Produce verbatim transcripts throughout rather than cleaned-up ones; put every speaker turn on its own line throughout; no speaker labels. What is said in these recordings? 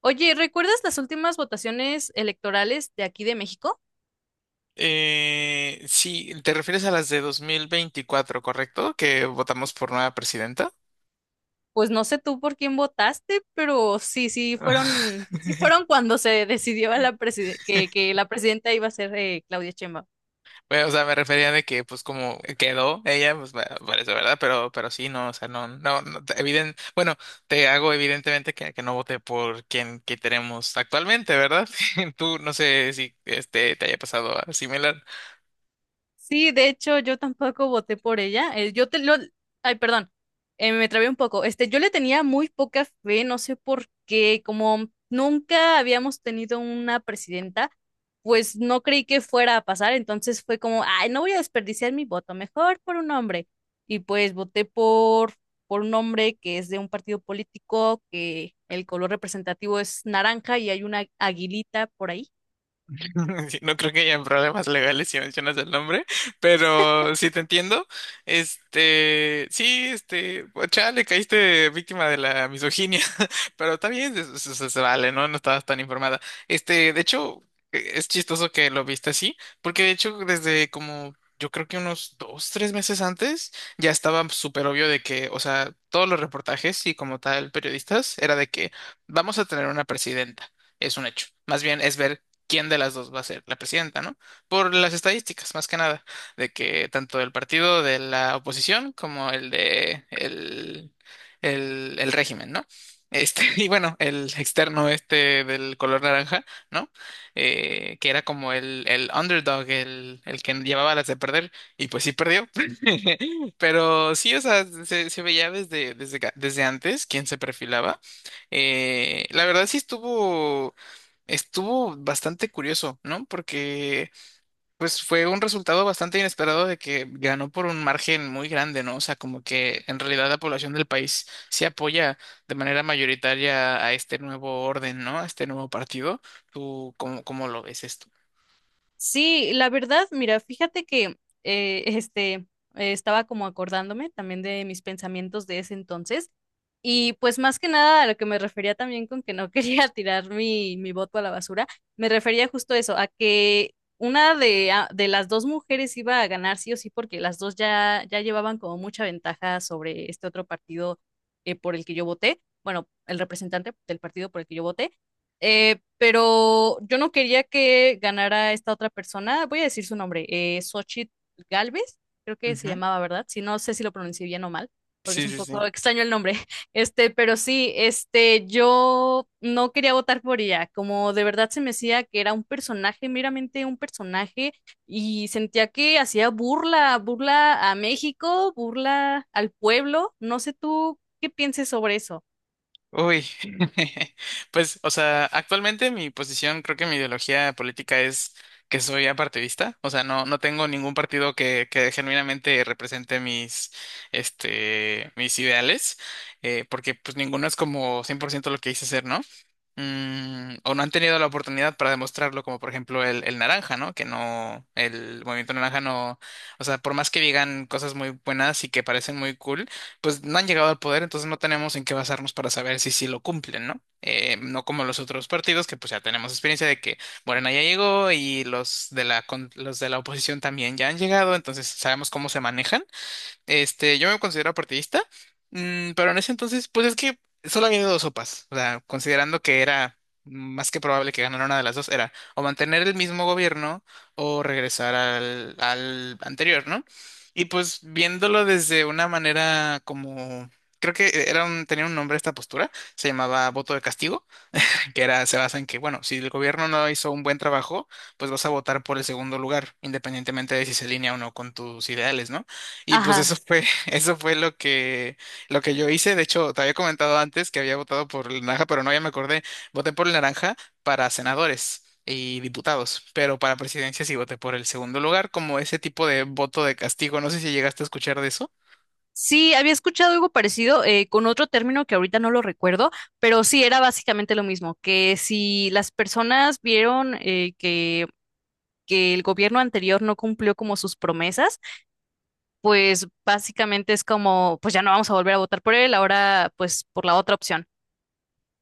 Oye, ¿recuerdas las últimas votaciones electorales de aquí de México?
Eh, sí, te refieres a las de dos mil veinticuatro, ¿correcto? Que votamos por nueva presidenta.
Pues no sé tú por quién votaste, pero sí, sí fueron, sí fueron cuando se decidió a la preside- que, que la presidenta iba a ser eh, Claudia Sheinbaum.
Bueno, o sea, me refería de que, pues, como quedó ella, pues, va- parece verdad, pero, pero sí, no, o sea, no, no, no, te- eviden- bueno, te hago evidentemente que, que no voté por quien que tenemos actualmente, ¿verdad? Tú, no sé si este te haya pasado algo similar.
Sí, de hecho, yo tampoco voté por ella. Eh, yo te lo... Ay, perdón. Eh, me trabé un poco. Este, yo le tenía muy poca fe, no sé por qué. Como nunca habíamos tenido una presidenta, pues no creí que fuera a pasar. Entonces fue como, ay, no voy a desperdiciar mi voto, mejor por un hombre. Y pues voté por, por un hombre que es de un partido político, que el color representativo es naranja y hay una aguilita por ahí.
Sí, no creo que haya problemas legales si mencionas el nombre, pero sí te entiendo. Este, sí, este, pues, chale, caíste víctima de la misoginia, pero está bien, se, se- se- se vale, ¿no? No estabas tan informada. Este, de hecho, eh, es chistoso que lo viste así, porque de hecho, desde como yo creo que unos dos, tres meses antes, ya estaba súper obvio de que, o sea, todos los reportajes y como tal, periodistas, era de que vamos a tener una presidenta. Es un hecho. Más bien es ver quién de las dos va a ser la presidenta, ¿no? Por las estadísticas, más que nada, de que tanto el partido de la oposición como el de el, el, el régimen, ¿no? Este, y bueno, el externo este del color naranja, ¿no? Eh, que era como el, el underdog, el, el que llevaba las de perder, y pues sí perdió. Pero sí, o sea, se, se veía desde, desde, desde antes quién se perfilaba. Eh, la verdad sí estuvo. Estuvo bastante curioso, ¿no? Porque pues fue un resultado bastante inesperado de que ganó por un margen muy grande, ¿no? O sea, como que en realidad la población del país se apoya de manera mayoritaria a este nuevo orden, ¿no? A este nuevo partido. ¿Tú cómo, cómo lo ves esto?
Sí, la verdad, mira, fíjate que eh, este eh, estaba como acordándome también de mis pensamientos de ese entonces. Y pues más que nada a lo que me refería también con que no quería tirar mi, mi voto a la basura, me refería justo a eso, a que una de, a- de las dos mujeres iba a ganar sí o sí, porque las dos ya, ya llevaban como mucha ventaja sobre este otro partido eh, por el que yo voté, bueno, el representante del partido por el que yo voté, eh, pero yo no quería que ganara esta otra persona, voy a decir su nombre, eh, Xochitl Gálvez, creo que se
Ujú.
llamaba, ¿verdad? Si no sé si lo pronuncié bien o mal porque es
Sí,
un
sí,
poco
sí.
extraño el nombre. Este, pero sí, este, yo no quería votar por ella, como de verdad se me decía que era un personaje, meramente un personaje, y sentía que hacía burla, burla a México, burla al pueblo, no sé tú qué pienses sobre eso.
Uy, pues, o sea, actualmente mi posición, creo que mi ideología política es que soy apartidista, o sea, no, no tengo ningún partido que, que genuinamente represente mis, este, mis ideales, eh, porque pues ninguno es como cien por ciento lo que hice ser, ¿no? Mm, o no han tenido la oportunidad para demostrarlo, como por ejemplo el, el naranja, ¿no? Que no, el movimiento naranja no, o sea, por más que digan cosas muy buenas y que parecen muy cool, pues no han llegado al poder, entonces no tenemos en qué basarnos para saber si sí lo cumplen, ¿no? Eh, no como los otros partidos que pues ya tenemos experiencia de que Morena ya llegó y los de la con- los de la oposición también ya han llegado, entonces sabemos cómo se manejan. Este, yo me considero partidista, mm, pero en ese entonces, pues es que solo había dos sopas. O sea, considerando que era más que probable que ganara una de las dos, era o mantener el mismo gobierno o regresar al, al anterior, ¿no? Y pues viéndolo desde una manera como, creo que era un- tenía un nombre esta postura, se llamaba voto de castigo que era, se basa en que, bueno, si el gobierno no hizo un buen trabajo, pues vas a votar por el segundo lugar, independientemente de si se alinea o no con tus ideales, ¿no? Y pues
Ajá.
eso fue, eso fue lo que, lo que yo hice. De hecho, te había comentado antes que había votado por el naranja, pero no, ya me acordé, voté por el naranja para senadores y diputados, pero para presidencia sí voté por el segundo lugar, como ese tipo de voto de castigo. No sé si llegaste a escuchar de eso.
Sí, había escuchado algo parecido eh, con otro término que ahorita no lo recuerdo, pero sí era básicamente lo mismo, que si las personas vieron eh, que, que el gobierno anterior no cumplió como sus promesas, pues básicamente es como, pues ya no vamos a volver a votar por él, ahora pues por la otra opción.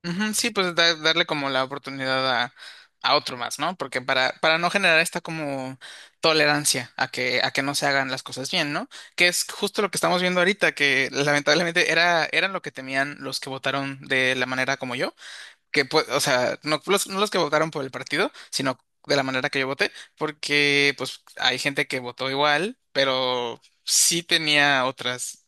Ujú, sí, pues da- darle como la oportunidad a, a otro más, ¿no? Porque para, para no generar esta como tolerancia a que, a que no se hagan las cosas bien, ¿no? Que es justo lo que estamos viendo ahorita, que lamentablemente era, eran lo que temían los que votaron de la manera como yo, que pues, o sea, no los, no los que votaron por el partido, sino de la manera que yo voté, porque pues hay gente que votó igual, pero sí tenía otras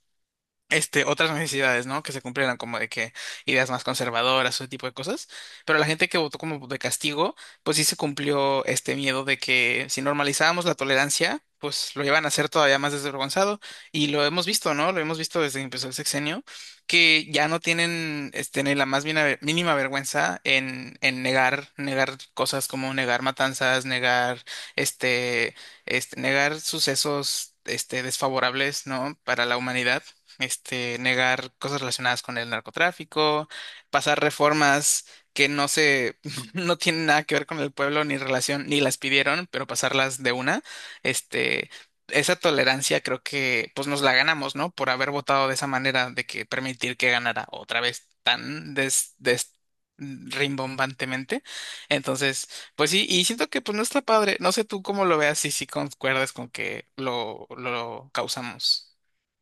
este, otras necesidades, ¿no? Que se cumplieran como de que ideas más conservadoras, o ese tipo de cosas. Pero la gente que votó como de castigo, pues sí se cumplió este miedo de que si normalizábamos la tolerancia, pues lo iban a hacer todavía más desvergonzado. Y lo hemos visto, ¿no? Lo hemos visto desde que empezó el sexenio, que ya no tienen este, ni la más mina- mínima vergüenza en, en negar, negar cosas como negar matanzas, negar este, este, negar sucesos Este, desfavorables, ¿no? Para la humanidad, este, negar cosas relacionadas con el narcotráfico, pasar reformas que no se, no tienen nada que ver con el pueblo ni relación, ni las pidieron, pero pasarlas de una, este, esa tolerancia creo que pues nos la ganamos, ¿no? Por haber votado de esa manera, de que permitir que ganara otra vez tan des, des- mm, rimbombantemente. Entonces, pues sí, y siento que pues no está padre. No sé tú cómo lo veas y si concuerdas con que lo, lo causamos.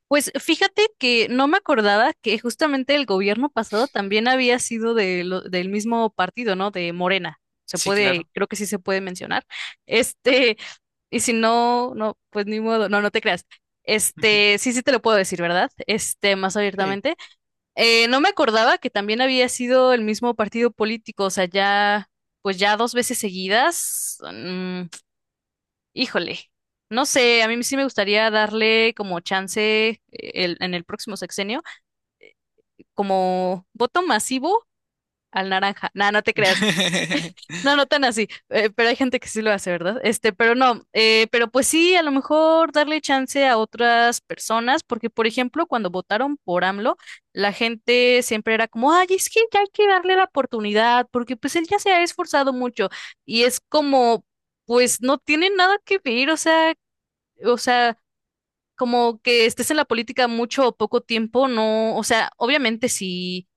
Pues fíjate que no me acordaba que justamente el gobierno pasado también había sido de lo- del mismo partido, ¿no? De Morena. Se
Sí,
puede,
claro.
creo que sí se puede mencionar. Este, y si no, no, pues ni modo, no, no te creas. Este, sí, sí te lo puedo decir, ¿verdad? Este, más
Sí.
abiertamente. Eh, no me acordaba que también había sido el mismo partido político, o sea, ya, pues ya dos veces seguidas. Mm, Híjole, no sé, a mí sí me gustaría darle como chance eh, el- en el próximo sexenio, como voto masivo al naranja. No, no te creas. No, no tan así, eh, pero hay gente que sí lo hace, ¿verdad? Este, pero no, eh, pero pues sí, a lo mejor darle chance a otras personas, porque por ejemplo, cuando votaron por AMLO, la gente siempre era como, ay, es que ya hay que darle la oportunidad, porque pues él ya se ha esforzado mucho, y es como, pues no tiene nada que ver, o sea, o sea. Como que estés en la política mucho o poco tiempo, no, o sea, obviamente sí,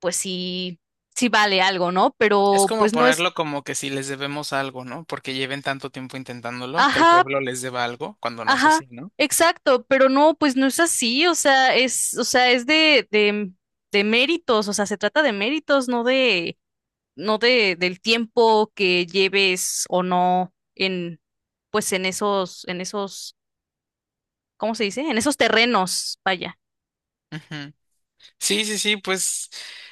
pues sí, sí vale algo, ¿no?
Es
Pero
como
pues no es,
ponerlo como que si les debemos algo, ¿no? Porque lleven tanto tiempo intentándolo, que el
ajá,
pueblo les deba algo cuando no es
ajá,
así, ¿no?
exacto, pero no, pues no es así, o sea, es, o sea, es de, de, de méritos, o sea, se trata de méritos, no de, no de, del tiempo que lleves o no en, pues en esos, en esos, ¿cómo se dice? En esos terrenos, vaya,
Ujú. Sí, sí, sí, pues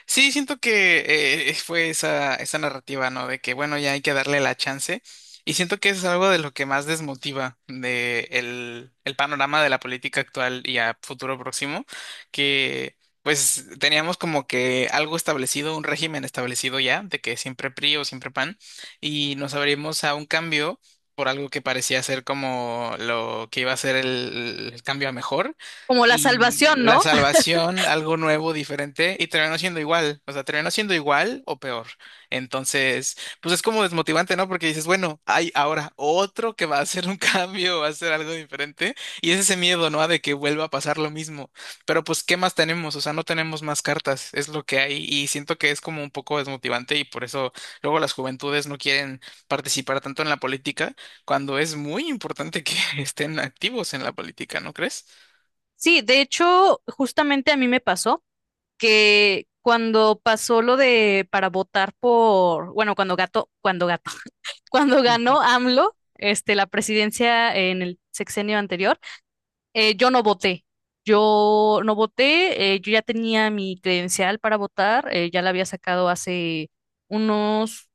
sí, siento que eh, eh, fue esa, esa narrativa, ¿no? De que, bueno, ya hay que darle la chance. Y siento que eso es algo de lo que más desmotiva de el, el panorama de la política actual y a futuro próximo, que pues teníamos como que algo establecido, un régimen establecido ya, de que siempre P R I o siempre PAN, y nos abrimos a un cambio por algo que parecía ser como lo que iba a ser el el cambio a mejor.
como la
Y
salvación,
la
¿no?
salvación, algo nuevo, diferente, y terminó siendo igual, o sea, terminó siendo igual o peor. Entonces, pues es como desmotivante, ¿no? Porque dices, bueno, hay ahora otro que va a hacer un cambio, va a hacer algo diferente, y es ese miedo, ¿no? De que vuelva a pasar lo mismo. Pero pues, ¿qué más tenemos? O sea, no tenemos más cartas, es lo que hay, y siento que es como un poco desmotivante, y por eso luego las juventudes no quieren participar tanto en la política, cuando es muy importante que estén activos en la política, ¿no crees?
Sí, de hecho, justamente a mí me pasó que cuando pasó lo de para votar por, bueno, cuando gato, cuando gato, cuando ganó AMLO, este, la presidencia en el sexenio anterior, eh, yo no voté. Yo no voté, eh, yo ya tenía mi credencial para votar, eh, ya la había sacado hace unos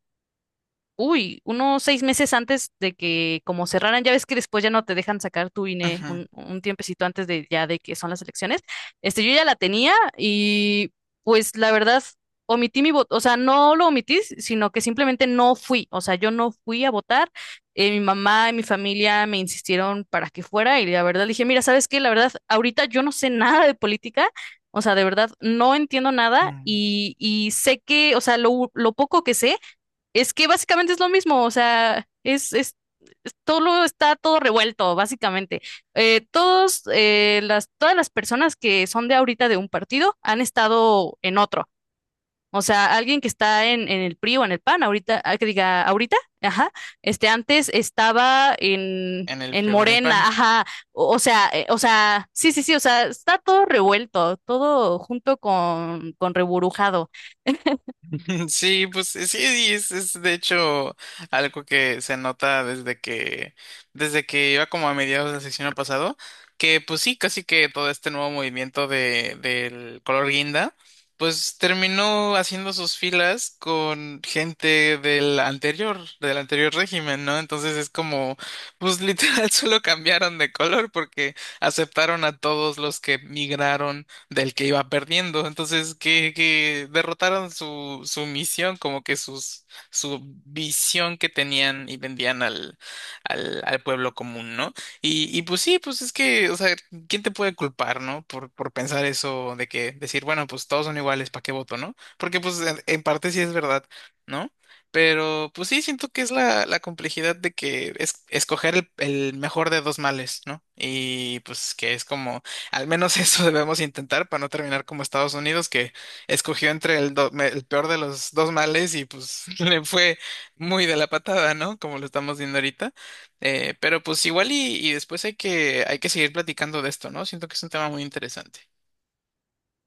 Uy, unos seis meses antes de que como cerraran, ya ves que después ya no te dejan sacar tu INE
Ujú.
un, un tiempecito antes de ya de que son las elecciones. Este, yo ya la tenía y pues la verdad omití mi voto, o sea, no lo omití, si, sino que simplemente no fui, o sea, yo no fui a votar. Eh, mi mamá y mi familia me insistieron para que fuera y la verdad dije, mira, ¿sabes qué? La verdad, ahorita yo no sé nada de política. O sea, de verdad, no entiendo nada
Mm,
y, y sé que, o sea, lo lo poco que sé es que básicamente es lo mismo, o sea, es, es todo lo está todo revuelto, básicamente. Eh, todos, eh, las, todas las personas que son de ahorita de un partido han estado en otro. O sea, alguien que está en, en el PRI o en el PAN, ahorita, ah, que diga ahorita, ajá, este antes estaba en,
En el
en
frío, en el
Morena,
pan.
ajá, o, o sea, eh, o sea, sí, sí, sí, o sea, está todo revuelto, todo junto con, con reburujado.
Sí, pues sí, sí, es, es de hecho algo que se nota desde que, desde que iba como a mediados del sexenio pasado, que pues sí, casi que todo este nuevo movimiento de, del color guinda, pues terminó haciendo sus filas con gente del anterior, del anterior régimen, ¿no? Entonces es como, pues literal solo cambiaron de color porque aceptaron a todos los que migraron del que iba perdiendo. Entonces, que, que derrotaron su, su misión, como que sus, su visión que tenían y vendían al, al, al pueblo común, ¿no? Y, y pues sí, pues es que, o sea, ¿quién te puede culpar? ¿No? Por, por pensar eso de que decir, bueno, pues todos son iguales, ¿para qué voto? ¿No? Porque pues en, en parte sí es verdad, ¿no? Pero pues sí, siento que es la, la complejidad de que es escoger el, el mejor de dos males, ¿no? Y pues que es como al menos eso debemos intentar para no terminar como Estados Unidos, que escogió entre el, do- me- el peor de los dos males y pues le fue muy de la patada, ¿no? Como lo estamos viendo ahorita. Eh, pero pues igual y, y después hay que, hay que seguir platicando de esto, ¿no? Siento que es un tema muy interesante.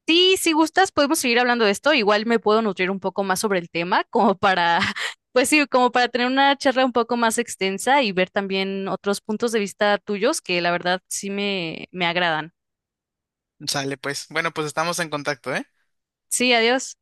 Sí, si gustas, podemos seguir hablando de esto. Igual me puedo nutrir un poco más sobre el tema, como para, pues sí, como para tener una charla un poco más extensa y ver también otros puntos de vista tuyos que la verdad sí me, me agradan.
Sale, pues. Bueno, pues estamos en contacto, ¿eh?
Sí, adiós.